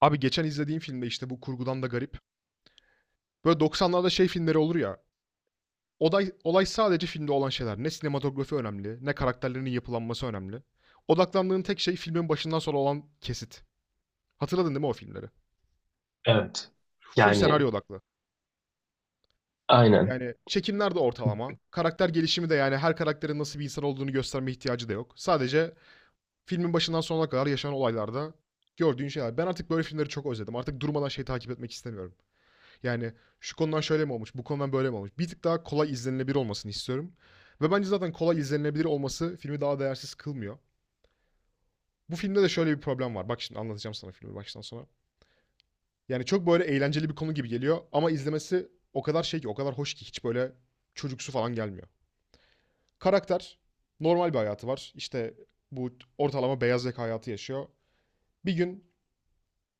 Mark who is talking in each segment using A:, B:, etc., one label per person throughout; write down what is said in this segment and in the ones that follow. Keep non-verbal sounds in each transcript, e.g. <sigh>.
A: Abi geçen izlediğim filmde işte bu kurgudan da garip. Böyle 90'larda şey filmleri olur ya. Olay sadece filmde olan şeyler. Ne sinematografi önemli, ne karakterlerinin yapılanması önemli. Odaklandığın tek şey filmin başından sonra olan kesit. Hatırladın değil mi o filmleri?
B: Evet.
A: Full
B: Yani
A: senaryo odaklı.
B: aynen.
A: Yani çekimler de ortalama. Karakter gelişimi de yani her karakterin nasıl bir insan olduğunu gösterme ihtiyacı da yok. Sadece filmin başından sonuna kadar yaşanan olaylarda gördüğün şeyler. Ben artık böyle filmleri çok özledim. Artık durmadan şey takip etmek istemiyorum. Yani şu konudan şöyle mi olmuş, bu konudan böyle mi olmuş? Bir tık daha kolay izlenilebilir olmasını istiyorum. Ve bence zaten kolay izlenilebilir olması filmi daha değersiz kılmıyor. Bu filmde de şöyle bir problem var. Bak, şimdi anlatacağım sana filmi baştan sona. Yani çok böyle eğlenceli bir konu gibi geliyor ama izlemesi o kadar şey ki, o kadar hoş ki hiç böyle çocuksu falan gelmiyor. Karakter normal bir hayatı var. İşte bu ortalama beyaz yaka hayatı yaşıyor. Bir gün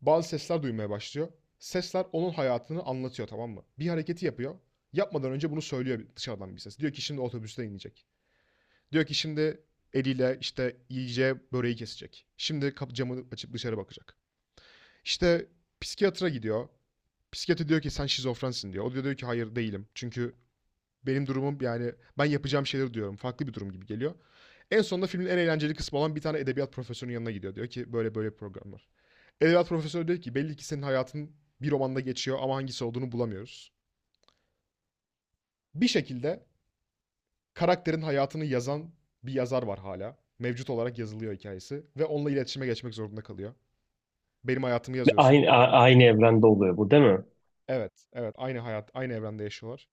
A: bazı sesler duymaya başlıyor. Sesler onun hayatını anlatıyor, tamam mı? Bir hareketi yapıyor. Yapmadan önce bunu söylüyor dışarıdan bir ses. Diyor ki şimdi otobüste inecek. Diyor ki şimdi eliyle işte iyice böreği kesecek. Şimdi kapı camını açıp dışarı bakacak. İşte psikiyatra gidiyor. Psikiyatri diyor ki sen şizofrensin diyor. O diyor ki hayır değilim. Çünkü benim durumum yani ben yapacağım şeyleri diyorum. Farklı bir durum gibi geliyor. En sonunda filmin en eğlenceli kısmı olan bir tane edebiyat profesörünün yanına gidiyor. Diyor ki böyle böyle bir program var. Edebiyat profesörü diyor ki belli ki senin hayatın bir romanda geçiyor ama hangisi olduğunu bulamıyoruz. Bir şekilde karakterin hayatını yazan bir yazar var hala. Mevcut olarak yazılıyor hikayesi ve onunla iletişime geçmek zorunda kalıyor. Benim hayatımı yazıyorsun.
B: Aynı evrende oluyor bu değil mi?
A: Evet, evet, aynı hayat, aynı evrende yaşıyorlar.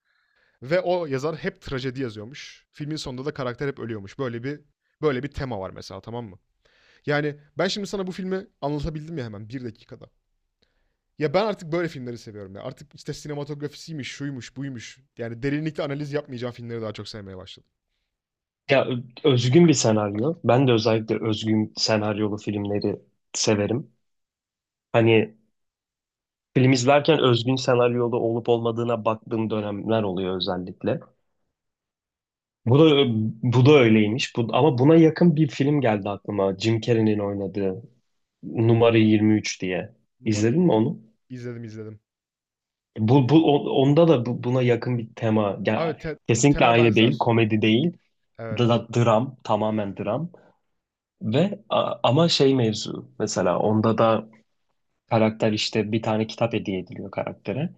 A: Ve o yazar hep trajedi yazıyormuş. Filmin sonunda da karakter hep ölüyormuş. Böyle bir tema var mesela, tamam mı? Yani ben şimdi sana bu filmi anlatabildim ya hemen bir dakikada. Ya ben artık böyle filmleri seviyorum ya. Artık işte sinematografisiymiş, şuymuş, buymuş. Yani derinlikli analiz yapmayacağım filmleri daha çok sevmeye başladım.
B: Ya özgün bir senaryo. Ben de özellikle özgün senaryolu filmleri severim. Hani film izlerken özgün senaryolu olup olmadığına baktığım dönemler oluyor özellikle. Bu da ö- bu da öyleymiş. Ama buna yakın bir film geldi aklıma. Jim Carrey'nin oynadığı Numara 23 diye.
A: Numara
B: İzledin mi
A: 23.
B: onu?
A: İzledim, izledim.
B: Onda da buna yakın bir tema.
A: Abi,
B: Ya, kesinlikle
A: tema
B: aynı değil,
A: benzer.
B: komedi değil.
A: Evet.
B: Dram, tamamen dram ve ama şey mevzu, mesela onda da karakter işte bir tane kitap hediye ediliyor karaktere.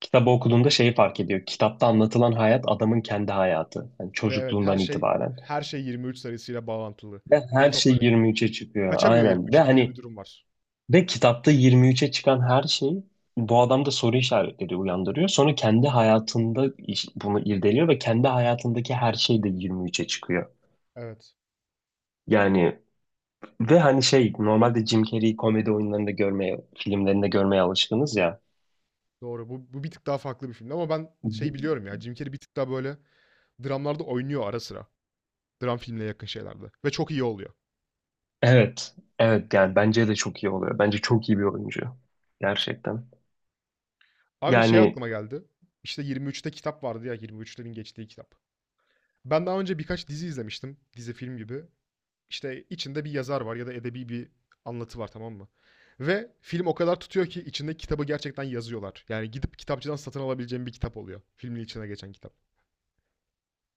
B: Kitabı okuduğunda şeyi fark ediyor. Kitapta anlatılan hayat adamın kendi hayatı. Yani
A: Ve evet, her
B: çocukluğundan
A: şey
B: itibaren.
A: her şey 23 sayısıyla bağlantılı.
B: Ve
A: Neyi
B: her şey
A: toplanıyor?
B: 23'e çıkıyor.
A: Kaçamıyor
B: Aynen. Ve
A: 23'ten gibi bir
B: hani
A: durum var.
B: ve kitapta 23'e çıkan her şey bu adamda soru işaretleri uyandırıyor. Sonra kendi hayatında bunu irdeliyor ve kendi hayatındaki her şey de 23'e çıkıyor.
A: Evet.
B: Yani. Ve hani şey, normalde Jim Carrey'i komedi oyunlarında görmeye, filmlerinde görmeye alışkınız ya.
A: Doğru. Bu bir tık daha farklı bir film. Ama ben şey biliyorum ya. Jim Carrey bir tık daha böyle dramlarda oynuyor ara sıra. Dram filmine yakın şeylerde. Ve çok iyi oluyor.
B: Evet. Evet, yani bence de çok iyi oluyor. Bence çok iyi bir oyuncu. Gerçekten.
A: Abi, şey
B: Yani
A: aklıma geldi. İşte 23'te kitap vardı ya, 23'lerin geçtiği kitap. Ben daha önce birkaç dizi izlemiştim. Dizi film gibi. İşte içinde bir yazar var ya da edebi bir anlatı var, tamam mı? Ve film o kadar tutuyor ki içindeki kitabı gerçekten yazıyorlar. Yani gidip kitapçıdan satın alabileceğim bir kitap oluyor. Filmin içine geçen kitap.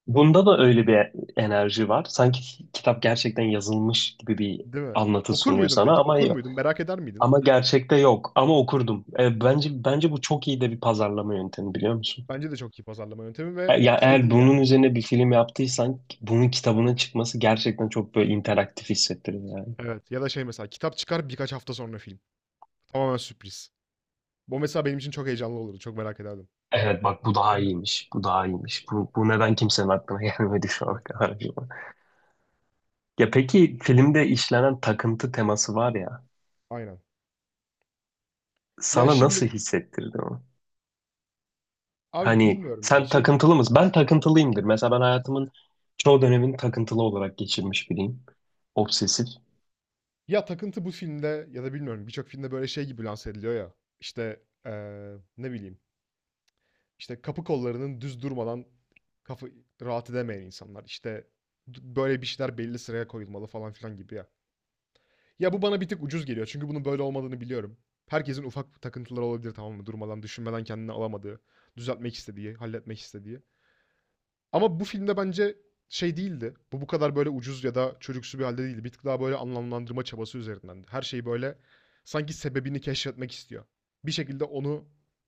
B: bunda da öyle bir enerji var. Sanki kitap gerçekten yazılmış gibi bir
A: Değil mi?
B: anlatı
A: Okur
B: sunuyor
A: muydun
B: sana,
A: peki?
B: ama
A: Okur muydun? Merak eder miydin?
B: ama gerçekte yok. Ama okurdum. Bence bu çok iyi de bir pazarlama yöntemi, biliyor musun?
A: Bence de çok iyi pazarlama yöntemi ve
B: Ya
A: şey
B: eğer
A: değil
B: bunun
A: yani.
B: üzerine bir film yaptıysan, bunun kitabının çıkması gerçekten çok böyle interaktif hissettirir yani.
A: Evet. Ya da şey, mesela kitap çıkar birkaç hafta sonra film. Tamamen sürpriz. Bu mesela benim için çok heyecanlı olurdu. Çok merak ederdim.
B: Evet bak, bu daha iyiymiş. Bu daha iyiymiş. Bu neden kimsenin aklına <laughs> gelmedi şu
A: Değil
B: ana
A: mi?
B: kadar acaba? Ya peki, filmde işlenen takıntı teması var ya.
A: Aynen. Ya
B: Sana
A: şimdi
B: nasıl hissettirdi o?
A: abi
B: Hani
A: bilmiyorum ya
B: sen
A: şey,
B: takıntılı mısın? Ben takıntılıyımdır. Mesela ben hayatımın çoğu dönemini takıntılı olarak geçirmiş biriyim. Obsesif.
A: ya takıntı bu filmde ya da bilmiyorum birçok filmde böyle şey gibi lanse ediliyor ya, işte ne bileyim, işte kapı kollarının düz durmadan kafa rahat edemeyen insanlar, işte böyle bir şeyler belli sıraya koyulmalı falan filan gibi ya. Ya bu bana bir tık ucuz geliyor çünkü bunun böyle olmadığını biliyorum. Herkesin ufak takıntıları olabilir, tamam mı? Durmadan düşünmeden kendini alamadığı, düzeltmek istediği, halletmek istediği. Ama bu filmde bence şey değildi. Bu bu kadar böyle ucuz ya da çocuksu bir halde değildi. Bir tık daha böyle anlamlandırma çabası üzerinden. Her şeyi böyle sanki sebebini keşfetmek istiyor. Bir şekilde onu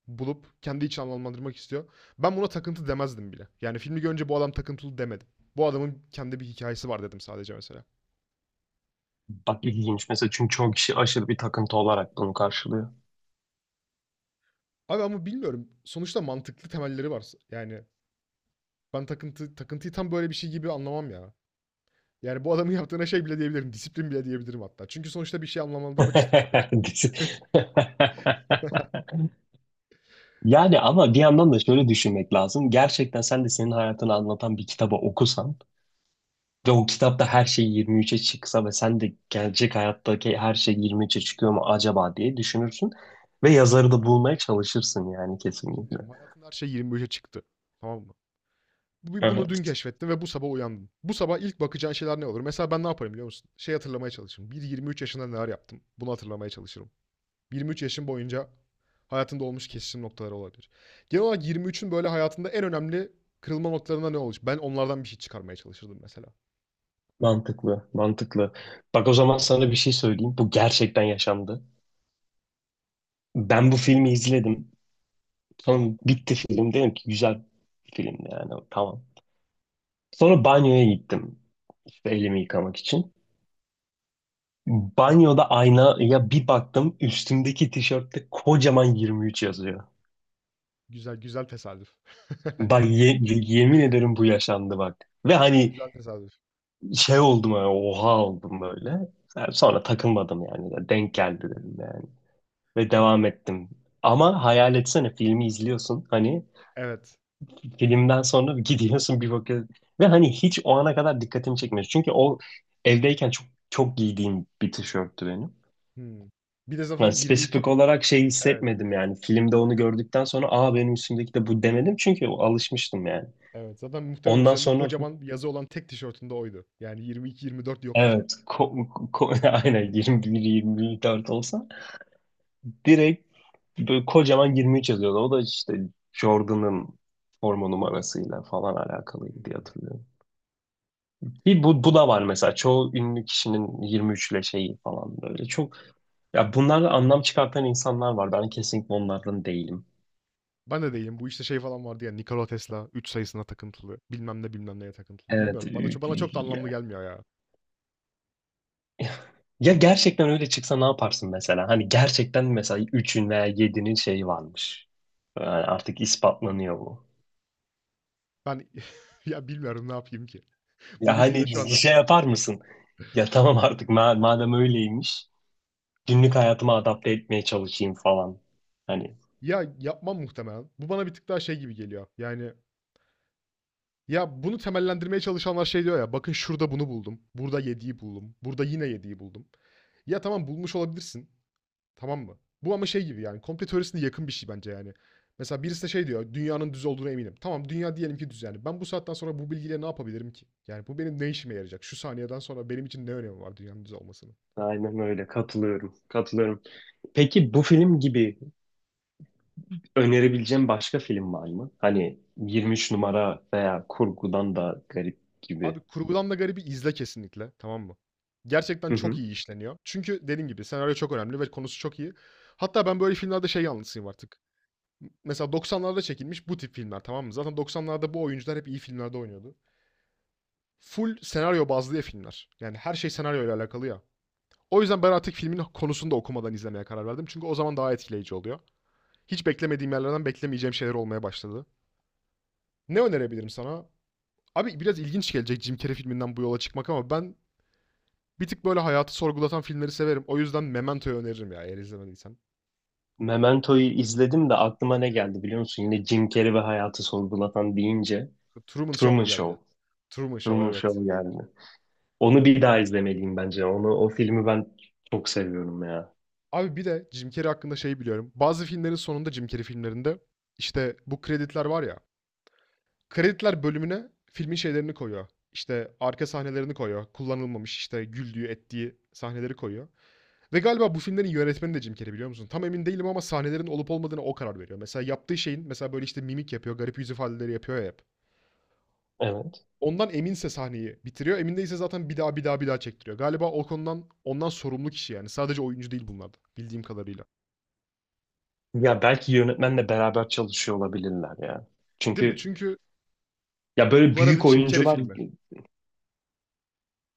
A: bulup kendi için anlamlandırmak istiyor. Ben buna takıntı demezdim bile. Yani filmi görünce bu adam takıntılı demedim. Bu adamın kendi bir hikayesi var dedim sadece mesela.
B: Bak ilginç mesela, çünkü çoğu kişi aşırı bir takıntı olarak bunu karşılıyor.
A: Abi ama bilmiyorum. Sonuçta mantıklı temelleri var. Yani ben takıntıyı tam böyle bir şey gibi anlamam ya. Yani bu adamın yaptığına şey bile diyebilirim. Disiplin bile diyebilirim hatta. Çünkü sonuçta bir şey anlamlandırmak istiyor sadece.
B: <laughs> Yani ama bir yandan da şöyle düşünmek lazım. Gerçekten sen de senin hayatını anlatan bir kitabı okusan ve o kitapta her şey 23'e çıksa, ve sen de gelecek hayattaki her şey 23'e çıkıyor mu acaba diye düşünürsün. Ve yazarı da bulmaya çalışırsın, yani
A: Peki bir şey
B: kesinlikle.
A: diyeceğim. Hayatında her şey 25'e çıktı. Tamam mı? Bunu dün
B: Evet.
A: keşfettin ve bu sabah uyandın. Bu sabah ilk bakacağın şeyler ne olur? Mesela ben ne yaparım biliyor musun? Şey, hatırlamaya çalışırım. Bir 23 yaşında neler yaptım? Bunu hatırlamaya çalışırım. 23 yaşım boyunca hayatında olmuş kesişim noktaları olabilir. Genel olarak 23'ün böyle hayatında en önemli kırılma noktalarında ne olur? Ben onlardan bir şey çıkarmaya çalışırdım mesela.
B: Mantıklı, mantıklı. Bak o zaman sana bir şey söyleyeyim. Bu gerçekten yaşandı. Ben bu filmi izledim. Sonra
A: Tamam.
B: bitti film. Dedim ki güzel bir filmdi yani. Tamam. Sonra banyoya gittim. İşte elimi yıkamak için. Banyoda aynaya bir baktım. Üstümdeki tişörtte kocaman 23 yazıyor.
A: Güzel, güzel tesadüf.
B: Bak
A: <laughs>
B: yemin ederim bu yaşandı bak. Ve hani
A: Güzel tesadüf.
B: şey oldum yani, oha oldum böyle. Yani sonra takılmadım yani. Ya denk geldi
A: Evet,
B: dedim yani. Ve
A: tabii
B: devam
A: canım.
B: ettim. Ama hayal etsene, filmi izliyorsun. Hani
A: Evet.
B: filmden sonra <laughs> gidiyorsun bir bakıyorsun. Ve hani hiç o ana kadar dikkatimi çekmiyor. Çünkü o evdeyken çok çok giydiğim bir tişörttü benim.
A: Hmm. Bir de
B: Yani
A: zaten 22.
B: spesifik
A: <laughs>
B: olarak şey
A: Evet.
B: hissetmedim yani. Filmde onu gördükten sonra aa, benim üstümdeki de bu demedim. Çünkü alışmıştım yani.
A: Evet, zaten muhtemelen
B: Ondan
A: üzerinde
B: sonra.
A: kocaman bir yazı olan tek tişörtünde oydu. Yani 22-24 yoktu
B: Evet.
A: zaten.
B: <laughs> Aynen 21-24 olsa direkt böyle kocaman 23 yazıyordu. O da işte Jordan'ın forma numarasıyla falan alakalıydı diye
A: Hmm.
B: hatırlıyorum. Bir bu da var mesela. Çoğu ünlü kişinin 23 ile şeyi falan böyle. Çok ya, bunlarla anlam çıkartan insanlar var. Ben kesinlikle onlardan değilim.
A: Ben de değilim. Bu işte şey falan vardı ya, Nikola Tesla 3 sayısına takıntılı. Bilmem ne bilmem neye takıntılı.
B: Evet.
A: Bilmiyorum. Bana,
B: ü-
A: bana
B: ü-
A: çok da anlamlı
B: Ya
A: gelmiyor ya.
B: Ya gerçekten öyle çıksa ne yaparsın mesela? Hani gerçekten mesela 3'ün veya 7'nin şeyi varmış. Yani artık ispatlanıyor bu.
A: Ben <laughs> ya bilmiyorum ne yapayım ki. Bu
B: Ya
A: bilgiyle şu
B: hani
A: anda.
B: şey yapar mısın? Ya tamam, artık madem öyleymiş, günlük hayatıma adapte etmeye çalışayım falan. Hani
A: Ya yapmam muhtemelen. Bu bana bir tık daha şey gibi geliyor. Yani ya bunu temellendirmeye çalışanlar şey diyor ya. Bakın şurada bunu buldum. Burada yediği buldum. Burada yine yediği buldum. Ya tamam, bulmuş olabilirsin. Tamam mı? Bu ama şey gibi, yani komplo teorisine yakın bir şey bence yani. Mesela birisi de şey diyor, dünyanın düz olduğuna eminim. Tamam, dünya diyelim ki düz yani. Ben bu saatten sonra bu bilgiyle ne yapabilirim ki? Yani bu benim ne işime yarayacak? Şu saniyeden sonra benim için ne önemi var dünyanın düz olmasının?
B: aynen öyle, katılıyorum. Katılıyorum. Peki bu film gibi önerebileceğim başka film var mı? Hani 23 numara veya kurgudan da garip gibi.
A: Abi, kurgudan da garibi izle kesinlikle, tamam mı? Gerçekten
B: Hı
A: çok
B: hı.
A: iyi işleniyor. Çünkü dediğim gibi senaryo çok önemli ve konusu çok iyi. Hatta ben böyle filmlerde şey yanlısıyım artık. Mesela 90'larda çekilmiş bu tip filmler, tamam mı? Zaten 90'larda bu oyuncular hep iyi filmlerde oynuyordu. Full senaryo bazlı ya filmler. Yani her şey senaryo ile alakalı ya. O yüzden ben artık filmin konusunu da okumadan izlemeye karar verdim. Çünkü o zaman daha etkileyici oluyor. Hiç beklemediğim yerlerden beklemeyeceğim şeyler olmaya başladı. Ne önerebilirim sana? Abi, biraz ilginç gelecek Jim Carrey filminden bu yola çıkmak ama ben bir tık böyle hayatı sorgulatan filmleri severim. O yüzden Memento'yu öneririm ya, eğer izlemediysen.
B: Memento'yu izledim de aklıma ne geldi biliyor musun? Yine Jim Carrey ve hayatı sorgulatan deyince
A: Truman Show
B: Truman
A: mu geldi?
B: Show.
A: Truman Show,
B: Truman
A: evet.
B: Show geldi. Onu bir daha izlemeliyim bence. O filmi ben çok seviyorum ya.
A: Abi bir de Jim Carrey hakkında şeyi biliyorum. Bazı filmlerin sonunda Jim Carrey filmlerinde işte bu kreditler var ya. Krediler bölümüne filmin şeylerini koyuyor. İşte arka sahnelerini koyuyor. Kullanılmamış işte güldüğü, ettiği sahneleri koyuyor. Ve galiba bu filmlerin yönetmeni de Jim Carrey, biliyor musun? Tam emin değilim ama sahnelerin olup olmadığına o karar veriyor. Mesela yaptığı şeyin mesela böyle işte mimik yapıyor, garip yüz ifadeleri yapıyor ya hep.
B: Evet.
A: Ondan eminse sahneyi bitiriyor. Emin değilse zaten bir daha bir daha bir daha çektiriyor. Galiba o konudan ondan sorumlu kişi yani. Sadece oyuncu değil bunlar da bildiğim kadarıyla.
B: Ya belki yönetmenle beraber çalışıyor olabilirler ya.
A: Değil mi?
B: Çünkü
A: Çünkü
B: ya böyle
A: bunlar adı
B: büyük
A: Jim Carrey
B: oyuncular.
A: filmi.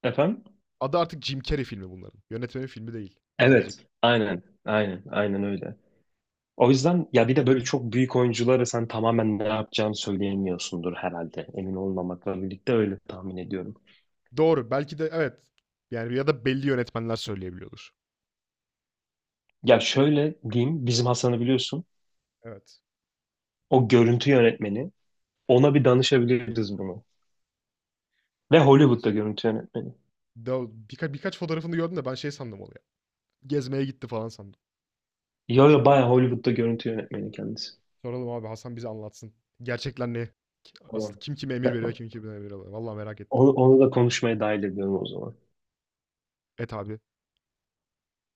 B: Efendim.
A: Adı artık Jim Carrey filmi bunların. Yönetmenin filmi değil birazcık.
B: Evet. Aynen. Aynen. Aynen öyle. O yüzden ya, bir de böyle çok büyük oyunculara sen tamamen ne yapacağını söyleyemiyorsundur herhalde. Emin olmamakla birlikte öyle tahmin ediyorum.
A: Doğru. Belki de evet. Yani ya da belli yönetmenler söyleyebiliyordur.
B: Ya şöyle diyeyim. Bizim Hasan'ı biliyorsun.
A: Evet.
B: O görüntü yönetmeni. Ona bir danışabiliriz bunu. Ve Hollywood'da
A: Nasıl?
B: görüntü yönetmeni.
A: Da birkaç fotoğrafını gördüm de ben şey sandım onu ya. Gezmeye gitti falan sandım.
B: Yo yo, bayağı Hollywood'da görüntü yönetmeni kendisi.
A: Soralım abi, Hasan bize anlatsın. Gerçekler ne?
B: Tamam.
A: Asıl kim kime emir veriyor, kim kime emir alıyor. Vallahi merak ettim.
B: Onu da konuşmaya dahil ediyorum o zaman.
A: Et abi.